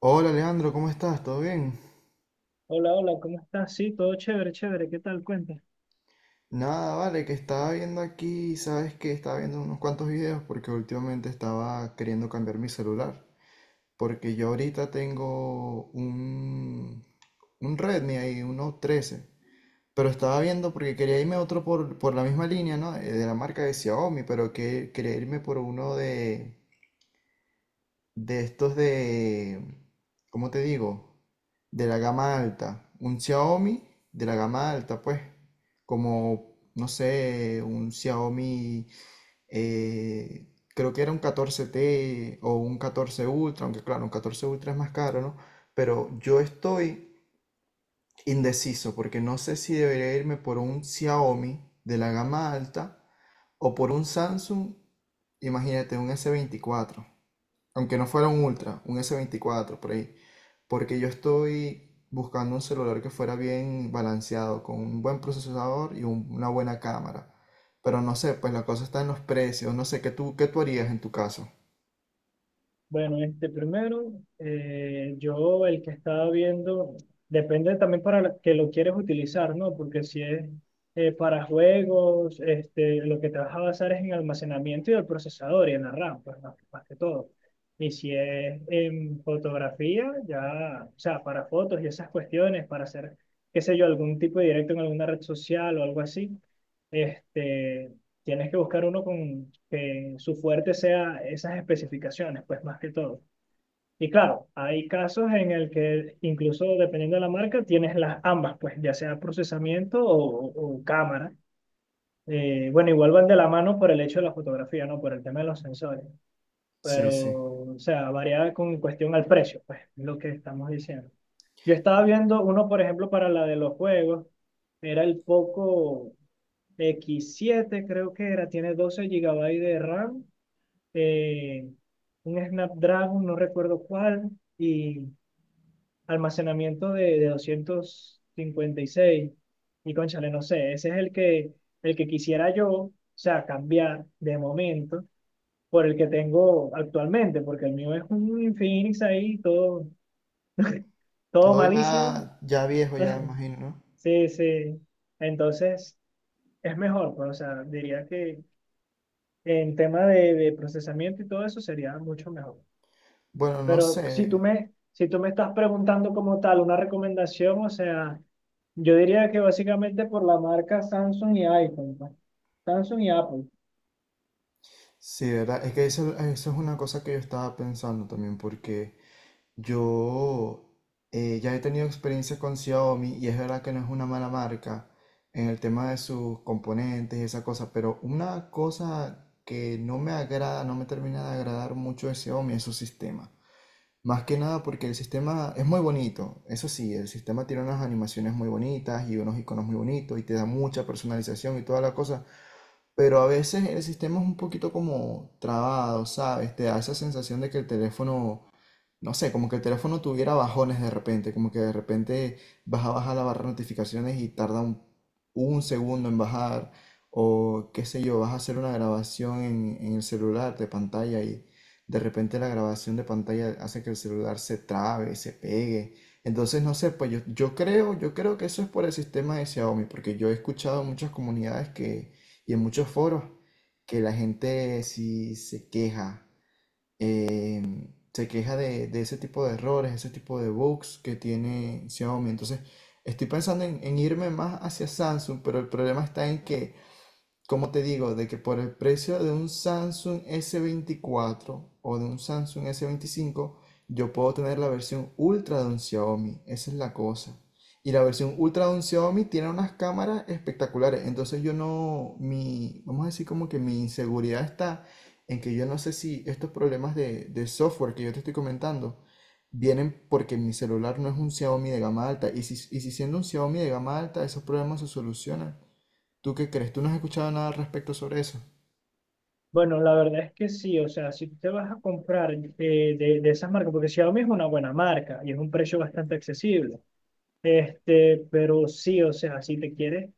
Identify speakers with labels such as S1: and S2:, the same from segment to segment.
S1: Hola Leandro, ¿cómo estás? ¿Todo bien?
S2: Hola, hola, ¿cómo estás? Sí, todo chévere, chévere, ¿qué tal? Cuenta.
S1: Nada, vale, que estaba viendo aquí, sabes que estaba viendo unos cuantos videos porque últimamente estaba queriendo cambiar mi celular. Porque yo ahorita tengo un Redmi ahí, 13. Pero estaba viendo porque quería irme a otro por la misma línea, ¿no? De la marca de Xiaomi, pero que quería irme por uno de estos. ¿Cómo te digo? De la gama alta, un Xiaomi de la gama alta, pues, como, no sé, un Xiaomi, creo que era un 14T o un 14 Ultra, aunque claro, un 14 Ultra es más caro, ¿no? Pero yo estoy indeciso porque no sé si debería irme por un Xiaomi de la gama alta o por un Samsung, imagínate, un S24, aunque no fuera un Ultra, un S24 por ahí, porque yo estoy buscando un celular que fuera bien balanceado, con un buen procesador y una buena cámara. Pero no sé, pues la cosa está en los precios, no sé, ¿qué tú harías en tu caso?
S2: Bueno, este primero, yo el que estaba viendo, depende también para que lo quieres utilizar, ¿no? Porque si es para juegos, este, lo que te vas a basar es en almacenamiento y el procesador y en la RAM, pues más que todo. Y si es en fotografía, ya, o sea, para fotos y esas cuestiones, para hacer, qué sé yo, algún tipo de directo en alguna red social o algo así. Este, tienes que buscar uno con que su fuerte sea esas especificaciones, pues más que todo. Y claro, hay casos en el que incluso dependiendo de la marca tienes las ambas, pues ya sea procesamiento o cámara. Bueno, igual van de la mano por el hecho de la fotografía, no por el tema de los sensores,
S1: Sí,
S2: pero
S1: sí.
S2: o sea, varía con cuestión al precio, pues es lo que estamos diciendo. Yo estaba viendo uno, por ejemplo, para la de los juegos, era el Poco X7 creo que era, tiene 12 gigabytes de RAM, eh, un Snapdragon, no recuerdo cuál, y almacenamiento de 256. Y seis. Y cónchale, no sé, ese es el que quisiera yo, o sea, cambiar de momento por el que tengo actualmente, porque el mío es un Infinix ahí, todo, todo
S1: Todo
S2: malísimo.
S1: ya, ya viejo, ya me imagino, ¿no?
S2: Sí, sí. Entonces, es mejor, pues, o sea, diría que en tema de procesamiento y todo eso sería mucho mejor.
S1: Bueno, no
S2: Pero
S1: sé.
S2: si tú me estás preguntando como tal una recomendación, o sea, yo diría que básicamente por la marca Samsung y iPhone, pues. Samsung y Apple.
S1: Sí, ¿verdad? Es que eso es una cosa que yo estaba pensando también, porque yo, ya he tenido experiencia con Xiaomi, y es verdad que no es una mala marca en el tema de sus componentes y esa cosa, pero una cosa que no me agrada, no me termina de agradar mucho de Xiaomi es su sistema. Más que nada porque el sistema es muy bonito, eso sí, el sistema tiene unas animaciones muy bonitas y unos iconos muy bonitos y te da mucha personalización y toda la cosa, pero a veces el sistema es un poquito como trabado, ¿sabes? Te da esa sensación de que el teléfono, no sé, como que el teléfono tuviera bajones de repente, como que de repente vas a bajar la barra de notificaciones y tarda un segundo en bajar, o qué sé yo, vas a hacer una grabación en el celular de pantalla, y de repente la grabación de pantalla hace que el celular se trabe, se pegue. Entonces, no sé, pues yo creo que eso es por el sistema de Xiaomi, porque yo he escuchado muchas comunidades que, y en muchos foros, que la gente sí eh, se queja de ese tipo de errores, ese tipo de bugs que tiene Xiaomi. Entonces, estoy pensando en irme más hacia Samsung, pero el problema está en que, como te digo, de que por el precio de un Samsung S24 o de un Samsung S25 yo puedo tener la versión ultra de un Xiaomi. Esa es la cosa. Y la versión ultra de un Xiaomi tiene unas cámaras espectaculares. Entonces yo no, mi, vamos a decir como que mi inseguridad está en que yo no sé si estos problemas de software que yo te estoy comentando vienen porque mi celular no es un Xiaomi de gama alta. Y si siendo un Xiaomi de gama alta, esos problemas se solucionan. ¿Tú qué crees? ¿Tú no has escuchado nada al respecto sobre eso?
S2: Bueno, la verdad es que sí, o sea, si tú te vas a comprar de esas marcas, porque Xiaomi es una buena marca y es un precio bastante accesible, este, pero sí, o sea, si te quieres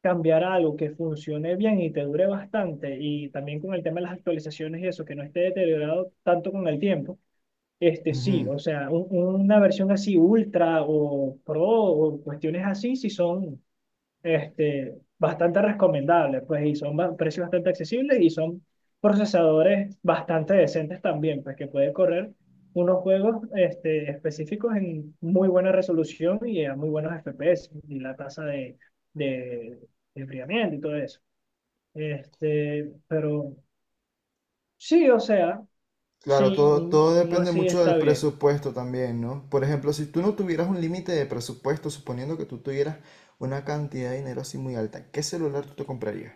S2: cambiar a algo que funcione bien y te dure bastante y también con el tema de las actualizaciones y eso, que no esté deteriorado tanto con el tiempo. Este sí,
S1: Ujú.
S2: o sea, una versión así ultra o pro o cuestiones así sí son, este, bastante recomendables, pues, y son precios bastante accesibles y son procesadores bastante decentes también, pues, que puede correr unos juegos, este, específicos en muy buena resolución y a muy buenos FPS y la tasa de, de enfriamiento y todo eso. Este, pero sí, o sea,
S1: Claro,
S2: sí,
S1: todo, todo
S2: uno
S1: depende
S2: así
S1: mucho
S2: está
S1: del
S2: bien.
S1: presupuesto también, ¿no? Por ejemplo, si tú no tuvieras un límite de presupuesto, suponiendo que tú tuvieras una cantidad de dinero así muy alta, ¿qué celular tú te comprarías?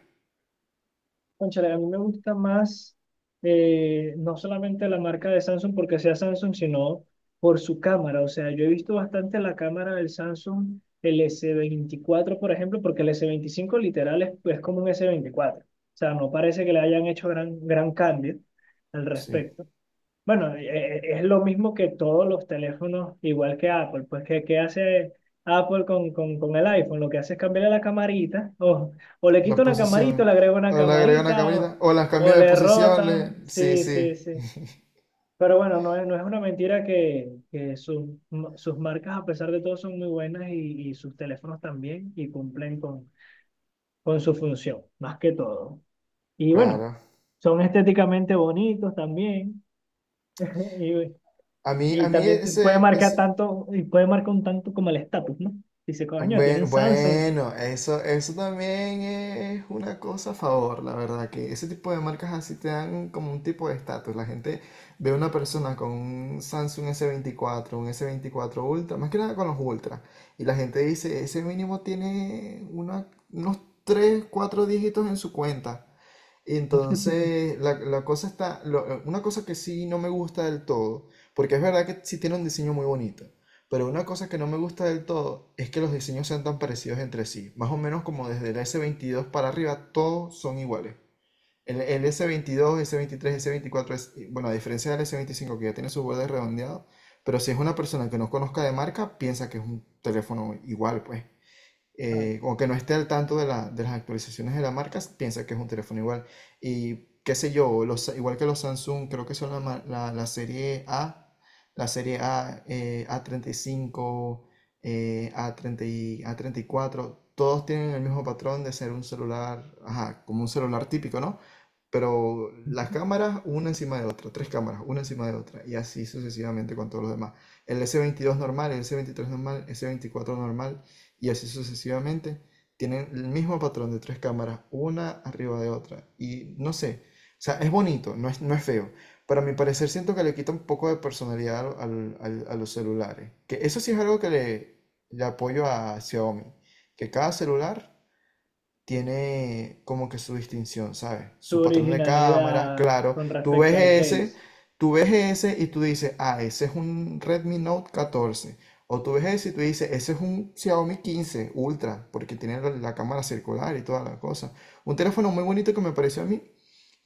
S2: Cónchale, a mí me gusta más, no solamente la marca de Samsung porque sea Samsung, sino por su cámara. O sea, yo he visto bastante la cámara del Samsung, el S24, por ejemplo, porque el S25 literal es como un S24. O sea, no parece que le hayan hecho gran, gran cambio al
S1: Sí.
S2: respecto. Bueno, es lo mismo que todos los teléfonos, igual que Apple. Pues, ¿qué hace Apple con el iPhone? Lo que hace es cambiarle la camarita, o le
S1: La
S2: quito una camarita, o
S1: posición.
S2: le agrego una
S1: O le agrega una
S2: camarita,
S1: camarita.
S2: o,
S1: O las cambio
S2: o
S1: de
S2: le
S1: posición.
S2: rota.
S1: Sí,
S2: Sí, sí,
S1: sí.
S2: sí. Pero bueno, no es una mentira que sus, sus marcas, a pesar de todo, son muy buenas y sus teléfonos también, y cumplen con su función, más que todo. Y bueno,
S1: Claro.
S2: son estéticamente bonitos también. Y,
S1: A mí, a
S2: Y
S1: mí
S2: también te puede
S1: ese,
S2: marcar
S1: ese,
S2: tanto, y puede marcar un tanto como el estatus, ¿no? Dice, coño, tiene
S1: Bueno,
S2: un Samsung.
S1: bueno, eso también es una cosa a favor, la verdad, que ese tipo de marcas así te dan como un tipo de estatus. La gente ve a una persona con un Samsung S24, un S24 Ultra, más que nada con los Ultra, y la gente dice, ese mínimo tiene unos 3, 4 dígitos en su cuenta. Y entonces, la cosa está, una cosa que sí no me gusta del todo, porque es verdad que sí tiene un diseño muy bonito, pero una cosa que no me gusta del todo es que los diseños sean tan parecidos entre sí. Más o menos como desde el S22 para arriba, todos son iguales. El S22, S23, S24, es, bueno, a diferencia del S25 que ya tiene sus bordes redondeados, pero si es una persona que no conozca de marca, piensa que es un teléfono igual, pues,
S2: Ah,
S1: o que no esté al tanto de las actualizaciones de la marca, piensa que es un teléfono igual. Y qué sé yo, los, igual que los Samsung, creo que son la serie A, A35, A30, A34, todos tienen el mismo patrón de ser un celular, ajá, como un celular típico, ¿no? Pero las cámaras, una encima de otra, tres cámaras, una encima de otra, y así sucesivamente con todos los demás. El S22 normal, el S23 normal, S24 normal, y así sucesivamente, tienen el mismo patrón de tres cámaras, una arriba de otra. Y no sé, o sea, es bonito, no es feo. Para mi parecer, siento que le quita un poco de personalidad a los celulares. Que eso sí es algo que le apoyo a Xiaomi, que cada celular tiene como que su distinción, ¿sabes?
S2: tu
S1: Su patrón de cámaras,
S2: originalidad
S1: claro.
S2: con
S1: Tú ves
S2: respecto al
S1: ese,
S2: case.
S1: tú ves ese y tú dices, ah, ese es un Redmi Note 14. O tú ves ese y tú dices, ese es un Xiaomi 15 Ultra, porque tiene la cámara circular y toda la cosa. Un teléfono muy bonito que me pareció a mí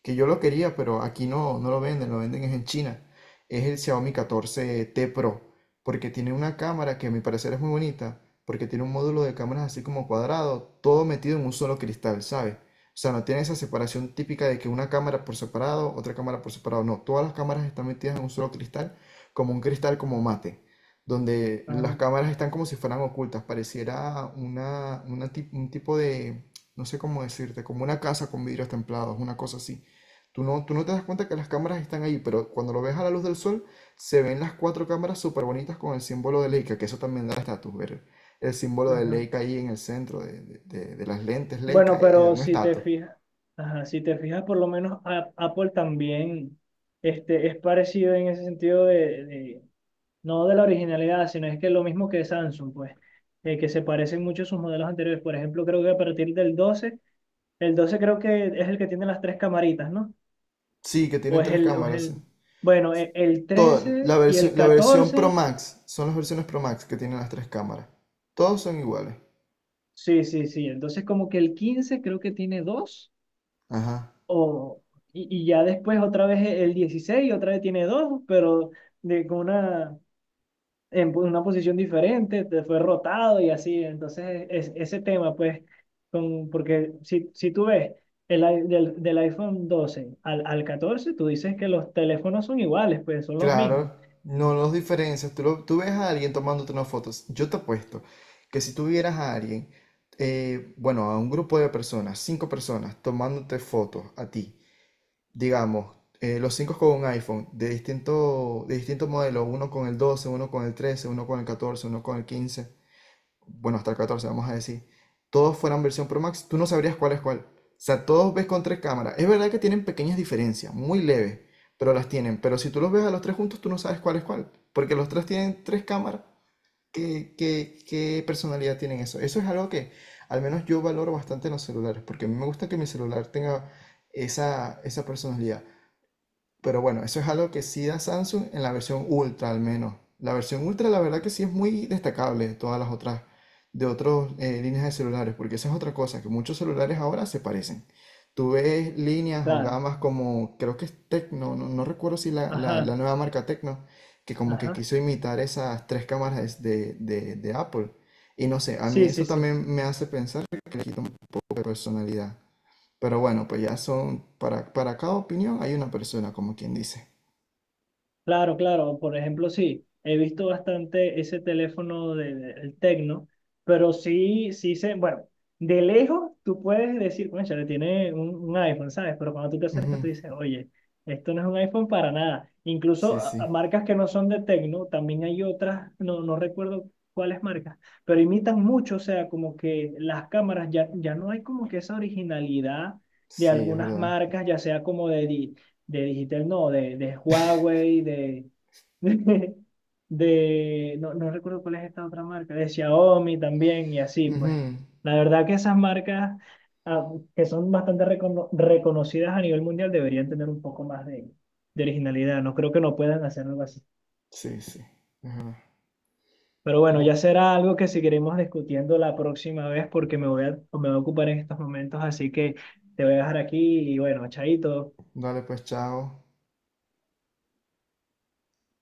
S1: que yo lo quería, pero aquí no lo venden, lo venden es en China. Es el Xiaomi 14T Pro, porque tiene una cámara que a mi parecer es muy bonita, porque tiene un módulo de cámaras así como cuadrado, todo metido en un solo cristal, ¿sabes? O sea, no tiene esa separación típica de que una cámara por separado, otra cámara por separado, no, todas las cámaras están metidas en un solo cristal, como un cristal como mate, donde las
S2: Ajá,
S1: cámaras están como si fueran ocultas, pareciera un tipo de, no sé cómo decirte, como una casa con vidrios templados, una cosa así. Tú no te das cuenta que las cámaras están ahí, pero cuando lo ves a la luz del sol, se ven las cuatro cámaras súper bonitas con el símbolo de Leica, que eso también da estatus, ver el símbolo de
S2: ajá.
S1: Leica ahí en el centro de las lentes
S2: Bueno,
S1: Leica, da
S2: pero
S1: un
S2: si te
S1: estatus.
S2: fijas, ajá, si te fijas, por lo menos Apple también, este, es parecido en ese sentido de, no de la originalidad, sino es que lo mismo que Samsung, pues, que se parecen mucho a sus modelos anteriores. Por ejemplo, creo que a partir del 12, el 12 creo que es el que tiene las tres camaritas, ¿no?
S1: Sí, que tienen tres
S2: O es
S1: cámaras.
S2: el, bueno, el
S1: Toda, la
S2: 13 y
S1: versión,
S2: el
S1: la versión Pro
S2: 14,
S1: Max, son las versiones Pro Max que tienen las tres cámaras. Todos son iguales.
S2: sí, sí, sí. Entonces como que el 15 creo que tiene dos,
S1: Ajá.
S2: o, y ya después otra vez, el 16 otra vez tiene dos, pero de, con una, una posición diferente, te fue rotado y así. Entonces es, ese tema, pues, con, porque si tú ves el, del iPhone 12 al 14 tú dices que los teléfonos son iguales, pues son los mismos.
S1: Claro, no los diferencias. Tú ves a alguien tomándote unas fotos. Yo te apuesto que si tú vieras a alguien, bueno, a un grupo de personas, cinco personas, tomándote fotos a ti, digamos, los cinco con un iPhone de distinto, modelo, uno con el 12, uno con el 13, uno con el 14, uno con el 15, bueno, hasta el 14 vamos a decir, todos fueran versión Pro Max, tú no sabrías cuál es cuál. O sea, todos ves con tres cámaras. Es verdad que tienen pequeñas diferencias, muy leves, pero las tienen. Pero si tú los ves a los tres juntos, tú no sabes cuál es cuál, porque los tres tienen tres cámaras. ¿Qué personalidad tienen eso? Eso es algo que al menos yo valoro bastante en los celulares, porque a mí me gusta que mi celular tenga esa personalidad. Pero bueno, eso es algo que sí da Samsung en la versión Ultra al menos. La versión Ultra la verdad que sí es muy destacable de todas las otras, de otras líneas de celulares, porque esa es otra cosa, que muchos celulares ahora se parecen. Tú ves líneas o
S2: Claro,
S1: gamas como, creo que es Tecno, no recuerdo si la
S2: ajá,
S1: nueva marca Tecno, que como que
S2: ajá.
S1: quiso imitar esas tres cámaras de Apple. Y no sé, a mí
S2: Sí, sí,
S1: eso
S2: sí.
S1: también me hace pensar que le quita un poco de personalidad. Pero bueno, pues ya son, para, cada opinión hay una persona, como quien dice.
S2: Claro, claro. Por ejemplo, sí, he visto bastante ese teléfono del de, el Tecno, pero sí, bueno, de lejos tú puedes decir, bueno, le tiene un iPhone, ¿sabes? Pero cuando tú te acercas,
S1: Ujú.
S2: tú dices, oye, esto no es un iPhone para nada. Incluso
S1: Sí,
S2: a
S1: sí,
S2: marcas que no son de Tecno, también hay otras, no, no recuerdo cuáles marcas, pero imitan mucho, o sea, como que las cámaras ya no hay como que esa originalidad de
S1: sí, es
S2: algunas
S1: verdad.
S2: marcas, ya sea como de, de Digitel, no, de Huawei, de, no, no recuerdo cuál es esta otra marca, de Xiaomi también y así, pues.
S1: Ujú.
S2: La verdad que esas marcas, ah, que son bastante reconocidas a nivel mundial, deberían tener un poco más de originalidad. No creo que no puedan hacer algo así.
S1: Sí, sí, es verdad.
S2: Pero bueno,
S1: Bu-
S2: ya será algo que seguiremos discutiendo la próxima vez porque me voy a ocupar en estos momentos, así que te voy a dejar aquí y bueno, chaito.
S1: Dale pues, chao.